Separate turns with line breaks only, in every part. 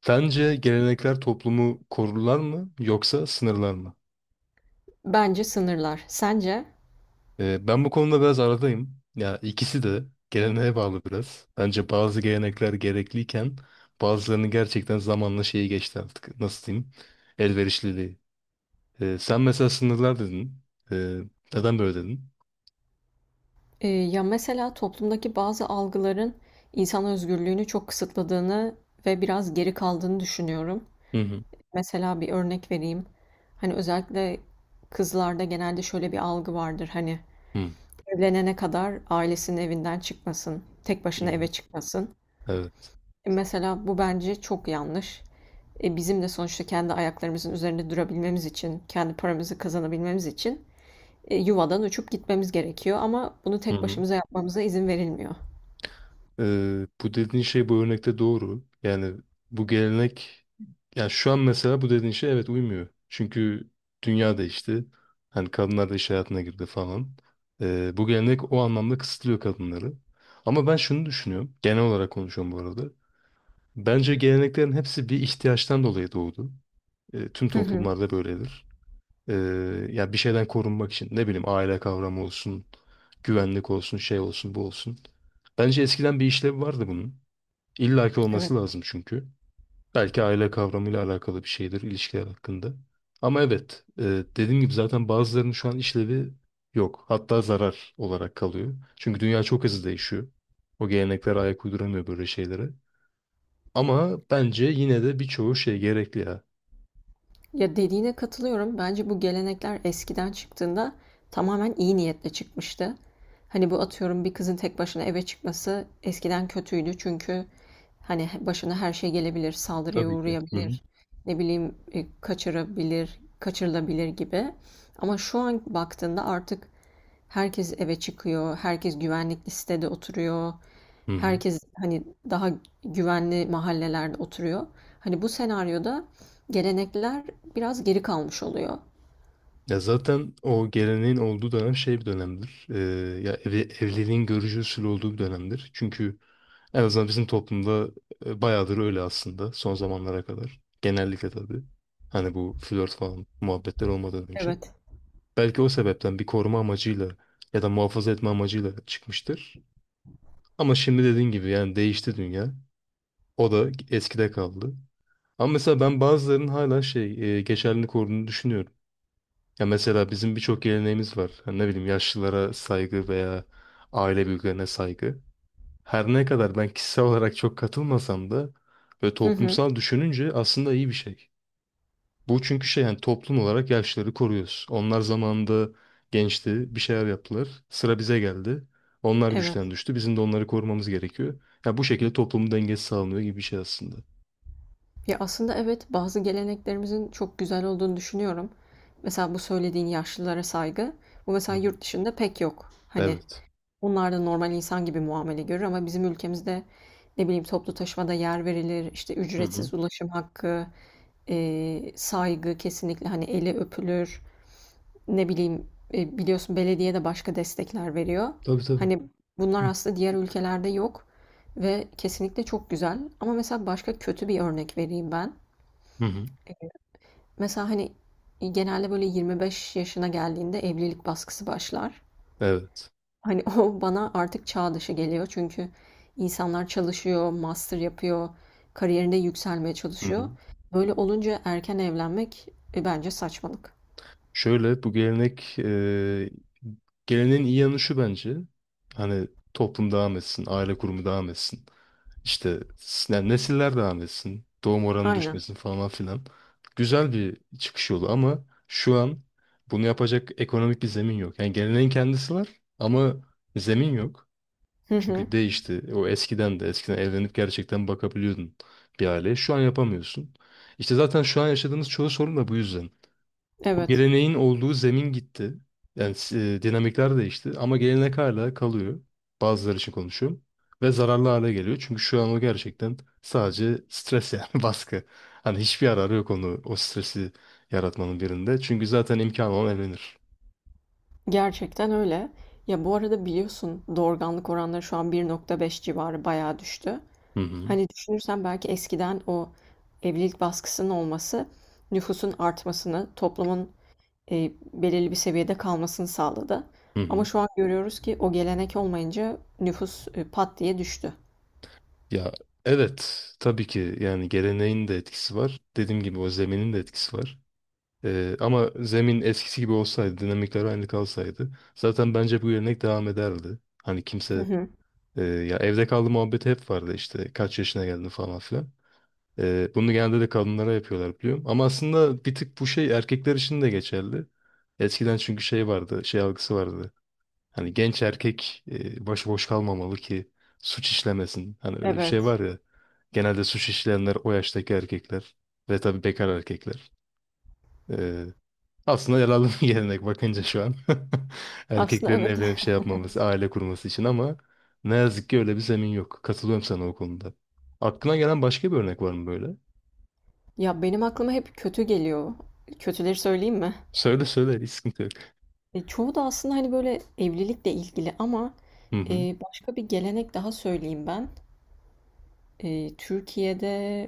Sence gelenekler toplumu korurlar mı yoksa sınırlar mı?
Bence sınırlar. Sence?
Ben bu konuda biraz aradayım. Ya ikisi de geleneğe bağlı biraz. Bence bazı gelenekler gerekliyken bazılarını gerçekten zamanla şeyi geçti artık. Nasıl diyeyim? Elverişliliği. Sen mesela sınırlar dedin. Ee, Neden böyle dedin?
Ya mesela toplumdaki bazı algıların insan özgürlüğünü çok kısıtladığını ve biraz geri kaldığını düşünüyorum.
Hı hı.
Mesela bir örnek vereyim. Hani özellikle kızlarda genelde şöyle bir algı vardır. Hani
Hı
evlenene kadar ailesinin evinden çıkmasın, tek
hı.
başına eve
Hı.
çıkmasın. Mesela bu bence çok yanlış. Bizim de sonuçta kendi ayaklarımızın üzerinde durabilmemiz için, kendi paramızı kazanabilmemiz için yuvadan uçup gitmemiz gerekiyor ama bunu tek
Evet.
başımıza yapmamıza izin verilmiyor.
Bu dediğin şey bu örnekte doğru. Yani bu gelenek yani şu an mesela bu dediğin şey evet uymuyor. Çünkü dünya değişti. Hani kadınlar da iş hayatına girdi falan. Bu gelenek o anlamda kısıtlıyor kadınları. Ama ben şunu düşünüyorum. Genel olarak konuşuyorum bu arada. Bence geleneklerin hepsi bir ihtiyaçtan dolayı doğdu. Tüm
Hı hı.
toplumlarda böyledir. Ee, Yani bir şeyden korunmak için ne bileyim aile kavramı olsun, güvenlik olsun, şey olsun, bu olsun. Bence eskiden bir işlevi vardı bunun. İllaki
Evet.
olması lazım çünkü. Belki aile kavramıyla alakalı bir şeydir ilişkiler hakkında. Ama evet, dediğim gibi zaten bazılarının şu an işlevi yok. Hatta zarar olarak kalıyor. Çünkü dünya çok hızlı değişiyor. O gelenekler ayak uyduramıyor böyle şeylere. Ama bence yine de birçoğu şey gerekli ya.
Ya dediğine katılıyorum. Bence bu gelenekler eskiden çıktığında tamamen iyi niyetle çıkmıştı. Hani bu atıyorum bir kızın tek başına eve çıkması eskiden kötüydü çünkü hani başına her şey gelebilir, saldırıya
Tabii ki. Hı hı.
uğrayabilir, ne bileyim kaçırabilir, kaçırılabilir gibi. Ama şu an baktığında artık herkes eve çıkıyor, herkes güvenlikli sitede oturuyor,
Hı hı.
herkes hani daha güvenli mahallelerde oturuyor. Hani bu senaryoda gelenekler biraz geri kalmış oluyor.
Ya zaten o geleneğin olduğu dönem şey bir dönemdir. Evliliğin görücü usulü olduğu bir dönemdir. Çünkü en azından bizim toplumda bayağıdır öyle aslında son zamanlara kadar. Genellikle tabii. Hani bu flört falan muhabbetler olmadan önce.
Evet.
Belki o sebepten bir koruma amacıyla ya da muhafaza etme amacıyla çıkmıştır. Ama şimdi dediğin gibi yani değişti dünya. O da eskide kaldı. Ama mesela ben bazılarının hala şey geçerliliğini koruduğunu düşünüyorum. Ya mesela bizim birçok geleneğimiz var. Hani ne bileyim yaşlılara saygı veya aile büyüklerine saygı. Her ne kadar ben kişisel olarak çok katılmasam da ve
Hı hı.
toplumsal düşününce aslında iyi bir şey. Bu çünkü şey yani toplum olarak yaşlıları koruyoruz. Onlar zamanında gençti, bir şeyler yaptılar. Sıra bize geldi. Onlar güçten
Evet.
düştü. Bizim de onları korumamız gerekiyor. Ya bu şekilde toplumun dengesi sağlanıyor gibi bir şey aslında.
Ya aslında evet bazı geleneklerimizin çok güzel olduğunu düşünüyorum. Mesela bu söylediğin yaşlılara saygı. Bu
Hı
mesela
hı.
yurt dışında pek yok. Hani
Evet.
onlar da normal insan gibi muamele görür ama bizim ülkemizde, ne bileyim, toplu taşımada yer verilir, işte
Hı hı.
ücretsiz ulaşım hakkı, saygı kesinlikle, hani, eli öpülür. Ne bileyim, biliyorsun belediye de başka destekler veriyor.
Tabii tabii.
Hani, bunlar aslında diğer ülkelerde yok ve kesinlikle çok güzel ama mesela başka kötü bir örnek vereyim ben.
Hı hı.
Mesela, hani, genelde böyle 25 yaşına geldiğinde evlilik baskısı başlar.
Evet.
Hani o bana artık çağ dışı geliyor. Çünkü insanlar çalışıyor, master yapıyor, kariyerinde yükselmeye çalışıyor. Böyle olunca erken evlenmek bence saçmalık.
Şöyle bu gelenek geleneğin iyi yanı şu bence. Hani toplum devam etsin, aile kurumu devam etsin. İşte yani nesiller devam etsin. Doğum oranı
Aynen.
düşmesin falan filan. Güzel bir çıkış yolu ama şu an bunu yapacak ekonomik bir zemin yok. Yani geleneğin kendisi var ama zemin yok.
Hı hı.
Çünkü değişti. O eskiden evlenip gerçekten bakabiliyordun bir aileye. Şu an yapamıyorsun. İşte zaten şu an yaşadığımız çoğu sorun da bu yüzden. O
Evet.
geleneğin olduğu zemin gitti. Yani dinamikler değişti ama gelenek hala kalıyor. Bazıları için konuşuyorum. Ve zararlı hale geliyor. Çünkü şu an o gerçekten sadece stres yani baskı. Hani hiçbir yararı yok onu o stresi yaratmanın birinde. Çünkü zaten imkanı olan evlenir.
Gerçekten öyle. Ya bu arada biliyorsun doğurganlık oranları şu an 1,5 civarı bayağı düştü.
Hı hı.
Hani düşünürsen belki eskiden o evlilik baskısının olması nüfusun artmasını, toplumun belirli bir seviyede kalmasını sağladı.
Hı
Ama
hı.
şu an görüyoruz ki o gelenek olmayınca nüfus, pat diye düştü.
Ya evet tabii ki yani geleneğin de etkisi var. Dediğim gibi o zeminin de etkisi var. Ama zemin eskisi gibi olsaydı, dinamikler aynı kalsaydı zaten bence bu gelenek devam ederdi. Hani
Hı
kimse.
hı.
Ya evde kaldı muhabbeti hep vardı işte kaç yaşına geldin falan filan. Bunu genelde de kadınlara yapıyorlar biliyorum. Ama aslında bir tık bu şey erkekler için de geçerli. Eskiden çünkü şey vardı, şey algısı vardı. Hani genç erkek başıboş kalmamalı ki suç işlemesin. Hani öyle bir şey
Evet.
var ya. Genelde suç işleyenler o yaştaki erkekler ve tabii bekar erkekler. Ee, Aslında yararlı bir gelenek bakınca şu an.
Aslında
Erkeklerin
evet.
evlenip şey yapmaması, aile kurması için ama ne yazık ki öyle bir zemin yok. Katılıyorum sana o konuda. Aklına gelen başka bir örnek var mı böyle?
Ya, benim aklıma hep kötü geliyor. Kötüleri söyleyeyim mi?
Söyle söyle, hiç sıkıntı yok.
Çoğu da aslında, hani, böyle, evlilikle ilgili ama,
Hı hı.
başka bir gelenek daha söyleyeyim ben. Türkiye'de,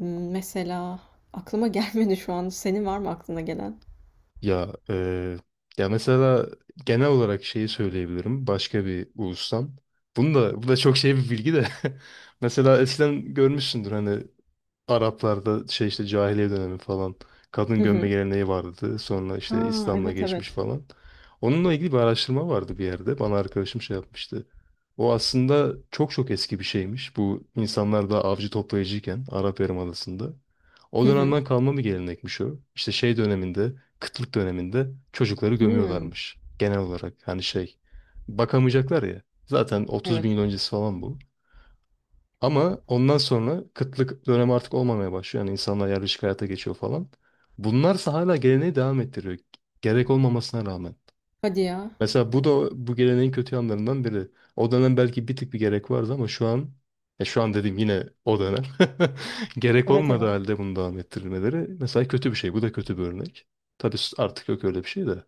mesela aklıma gelmedi şu an. Senin var mı aklına gelen?
Ya, ya mesela genel olarak şeyi söyleyebilirim. Başka bir ulustan. Bunu da, bu da çok şey bir bilgi de. Mesela eskiden görmüşsündür hani Araplarda şey işte cahiliye dönemi falan kadın
Hı
gömme
hı.
geleneği vardı. Sonra işte
A!
İslam'la
Evet,
geçmiş
evet.
falan. Onunla ilgili bir araştırma vardı bir yerde. Bana arkadaşım şey yapmıştı. O aslında çok çok eski bir şeymiş. Bu insanlar da avcı toplayıcıyken Arap Yarımadası'nda. O
Hı hı.
dönemden kalma bir gelenekmiş o. İşte şey döneminde, kıtlık döneminde çocukları
Hımm.
gömüyorlarmış. Genel olarak hani şey bakamayacaklar ya. Zaten 30 bin yıl
Evet.
öncesi falan bu. Ama ondan sonra kıtlık dönemi artık olmamaya başlıyor. Yani insanlar yerleşik hayata geçiyor falan. Bunlarsa hala geleneği devam ettiriyor. Gerek olmamasına rağmen.
Hadi ya.
Mesela bu da bu geleneğin kötü yanlarından biri. O dönem belki bir tık bir gerek vardı ama şu an ya şu an dedim yine o dönem. Gerek
Evet,
olmadığı
evet.
halde bunu devam ettirilmeleri mesela kötü bir şey. Bu da kötü bir örnek. Tabii artık yok öyle bir şey de.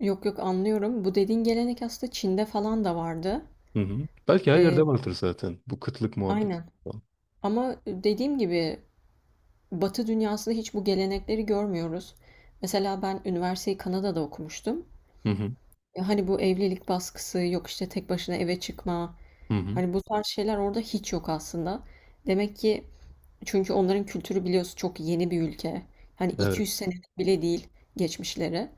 Yok yok anlıyorum. Bu dediğin gelenek aslında Çin'de falan da vardı.
Hı hı. Belki her
Ee,
yerde vardır zaten bu kıtlık muhabbeti.
aynen.
Falan.
Ama dediğim gibi Batı dünyasında hiç bu gelenekleri görmüyoruz. Mesela ben üniversiteyi Kanada'da okumuştum.
Hı hı.
Hani bu evlilik baskısı, yok işte tek başına eve çıkma.
Hı hı.
Hani bu tarz şeyler orada hiç yok aslında. Demek ki çünkü onların kültürü biliyorsun çok yeni bir ülke. Hani
Evet.
200 sene bile değil geçmişleri.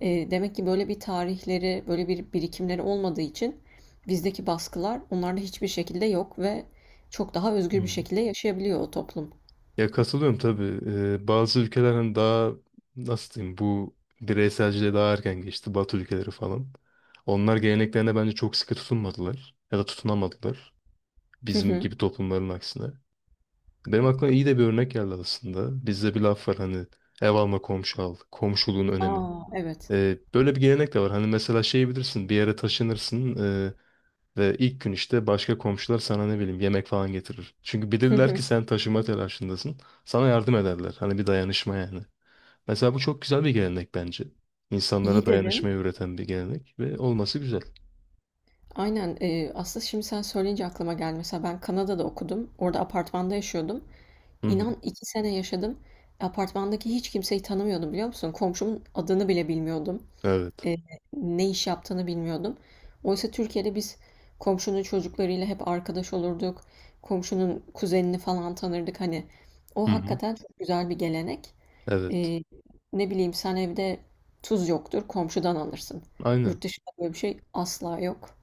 Demek ki böyle bir tarihleri, böyle bir birikimleri olmadığı için bizdeki baskılar onlarda hiçbir şekilde yok ve çok daha özgür bir
Hı.
şekilde yaşayabiliyor o toplum.
Ya katılıyorum tabii. Bazı ülkeler hani daha nasıl diyeyim bu bireyselciliğe daha erken geçti. Batı ülkeleri falan. Onlar geleneklerine bence çok sıkı tutunmadılar. Ya da tutunamadılar.
Hı
Bizim
hı.
gibi toplumların aksine. Benim aklıma iyi de bir örnek geldi aslında. Bizde bir laf var hani ev alma komşu al. Komşuluğun önemi.
A, evet.
Böyle bir gelenek de var. Hani mesela şey bilirsin bir yere taşınırsın. e, Ve ilk gün işte başka komşular sana ne bileyim yemek falan getirir. Çünkü
Hı
bilirler ki
hı.
sen taşıma telaşındasın. Sana yardım ederler. Hani bir dayanışma yani. Mesela bu çok güzel bir gelenek bence. İnsanlara
İyi dedin.
dayanışmayı öğreten bir gelenek ve olması güzel.
Aynen, aslında şimdi sen söyleyince aklıma geldi. Mesela ben Kanada'da okudum. Orada apartmanda yaşıyordum.
Hı hı.
İnan 2 sene yaşadım. Apartmandaki hiç kimseyi tanımıyordum biliyor musun? Komşumun adını bile bilmiyordum.
Evet.
e, ne iş yaptığını bilmiyordum. Oysa Türkiye'de biz komşunun çocuklarıyla hep arkadaş olurduk. Komşunun kuzenini falan tanırdık. Hani
Hı
o
hı.
hakikaten çok güzel bir gelenek.
Evet.
E, ne bileyim sen evde tuz yoktur, komşudan alırsın.
Aynen.
Yurt dışında böyle bir şey asla yok.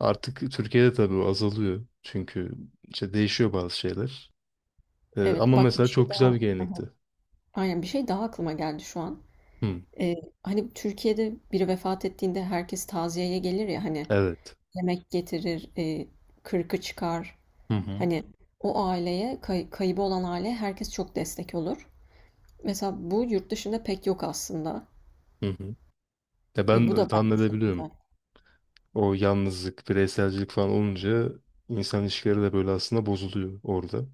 Artık Türkiye'de tabii o azalıyor. Çünkü işte değişiyor bazı şeyler.
Evet
Ama
bak bir
mesela
şey
çok
daha.
güzel bir
Aha.
gelenekti.
Aynen bir şey daha aklıma geldi şu an.
Hı.
E, Hani Türkiye'de biri vefat ettiğinde herkes taziyeye gelir ya hani
Evet.
yemek getirir, kırkı çıkar.
Hı hı.
Hani o aileye, kaybı olan aileye herkes çok destek olur. Mesela bu yurt dışında pek yok aslında.
Hı hı. Ya
E,
ben
bu da
tahmin
bence çok
edebiliyorum.
güzel.
O yalnızlık, bireyselcilik falan olunca insan ilişkileri de böyle aslında bozuluyor orada.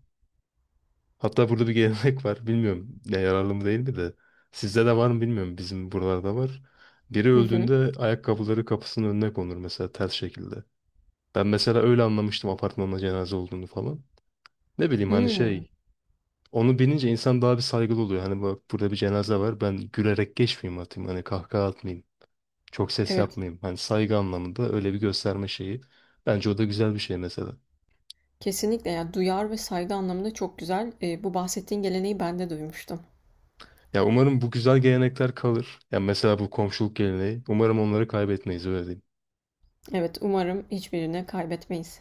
Hatta burada bir gelenek var. Bilmiyorum ne yararlı mı değil mi de. Sizde de var mı bilmiyorum. Bizim buralarda var. Biri
Hı hı.
öldüğünde ayakkabıları kapısının önüne konur mesela ters şekilde. Ben mesela öyle anlamıştım apartmanda cenaze olduğunu falan. Ne bileyim hani
Hmm.
şey onu bilince insan daha bir saygılı oluyor. Hani bak burada bir cenaze var ben gülerek geçmeyeyim atayım hani kahkaha atmayayım. Çok ses
Evet,
yapmayayım. Hani saygı anlamında öyle bir gösterme şeyi. Bence o da güzel bir şey mesela.
kesinlikle ya duyar ve saygı anlamında çok güzel. Bu bahsettiğin geleneği ben de duymuştum.
Ya umarım bu güzel gelenekler kalır. Ya mesela bu komşuluk geleneği. Umarım onları kaybetmeyiz öyle diyeyim.
Evet, umarım hiçbirini kaybetmeyiz.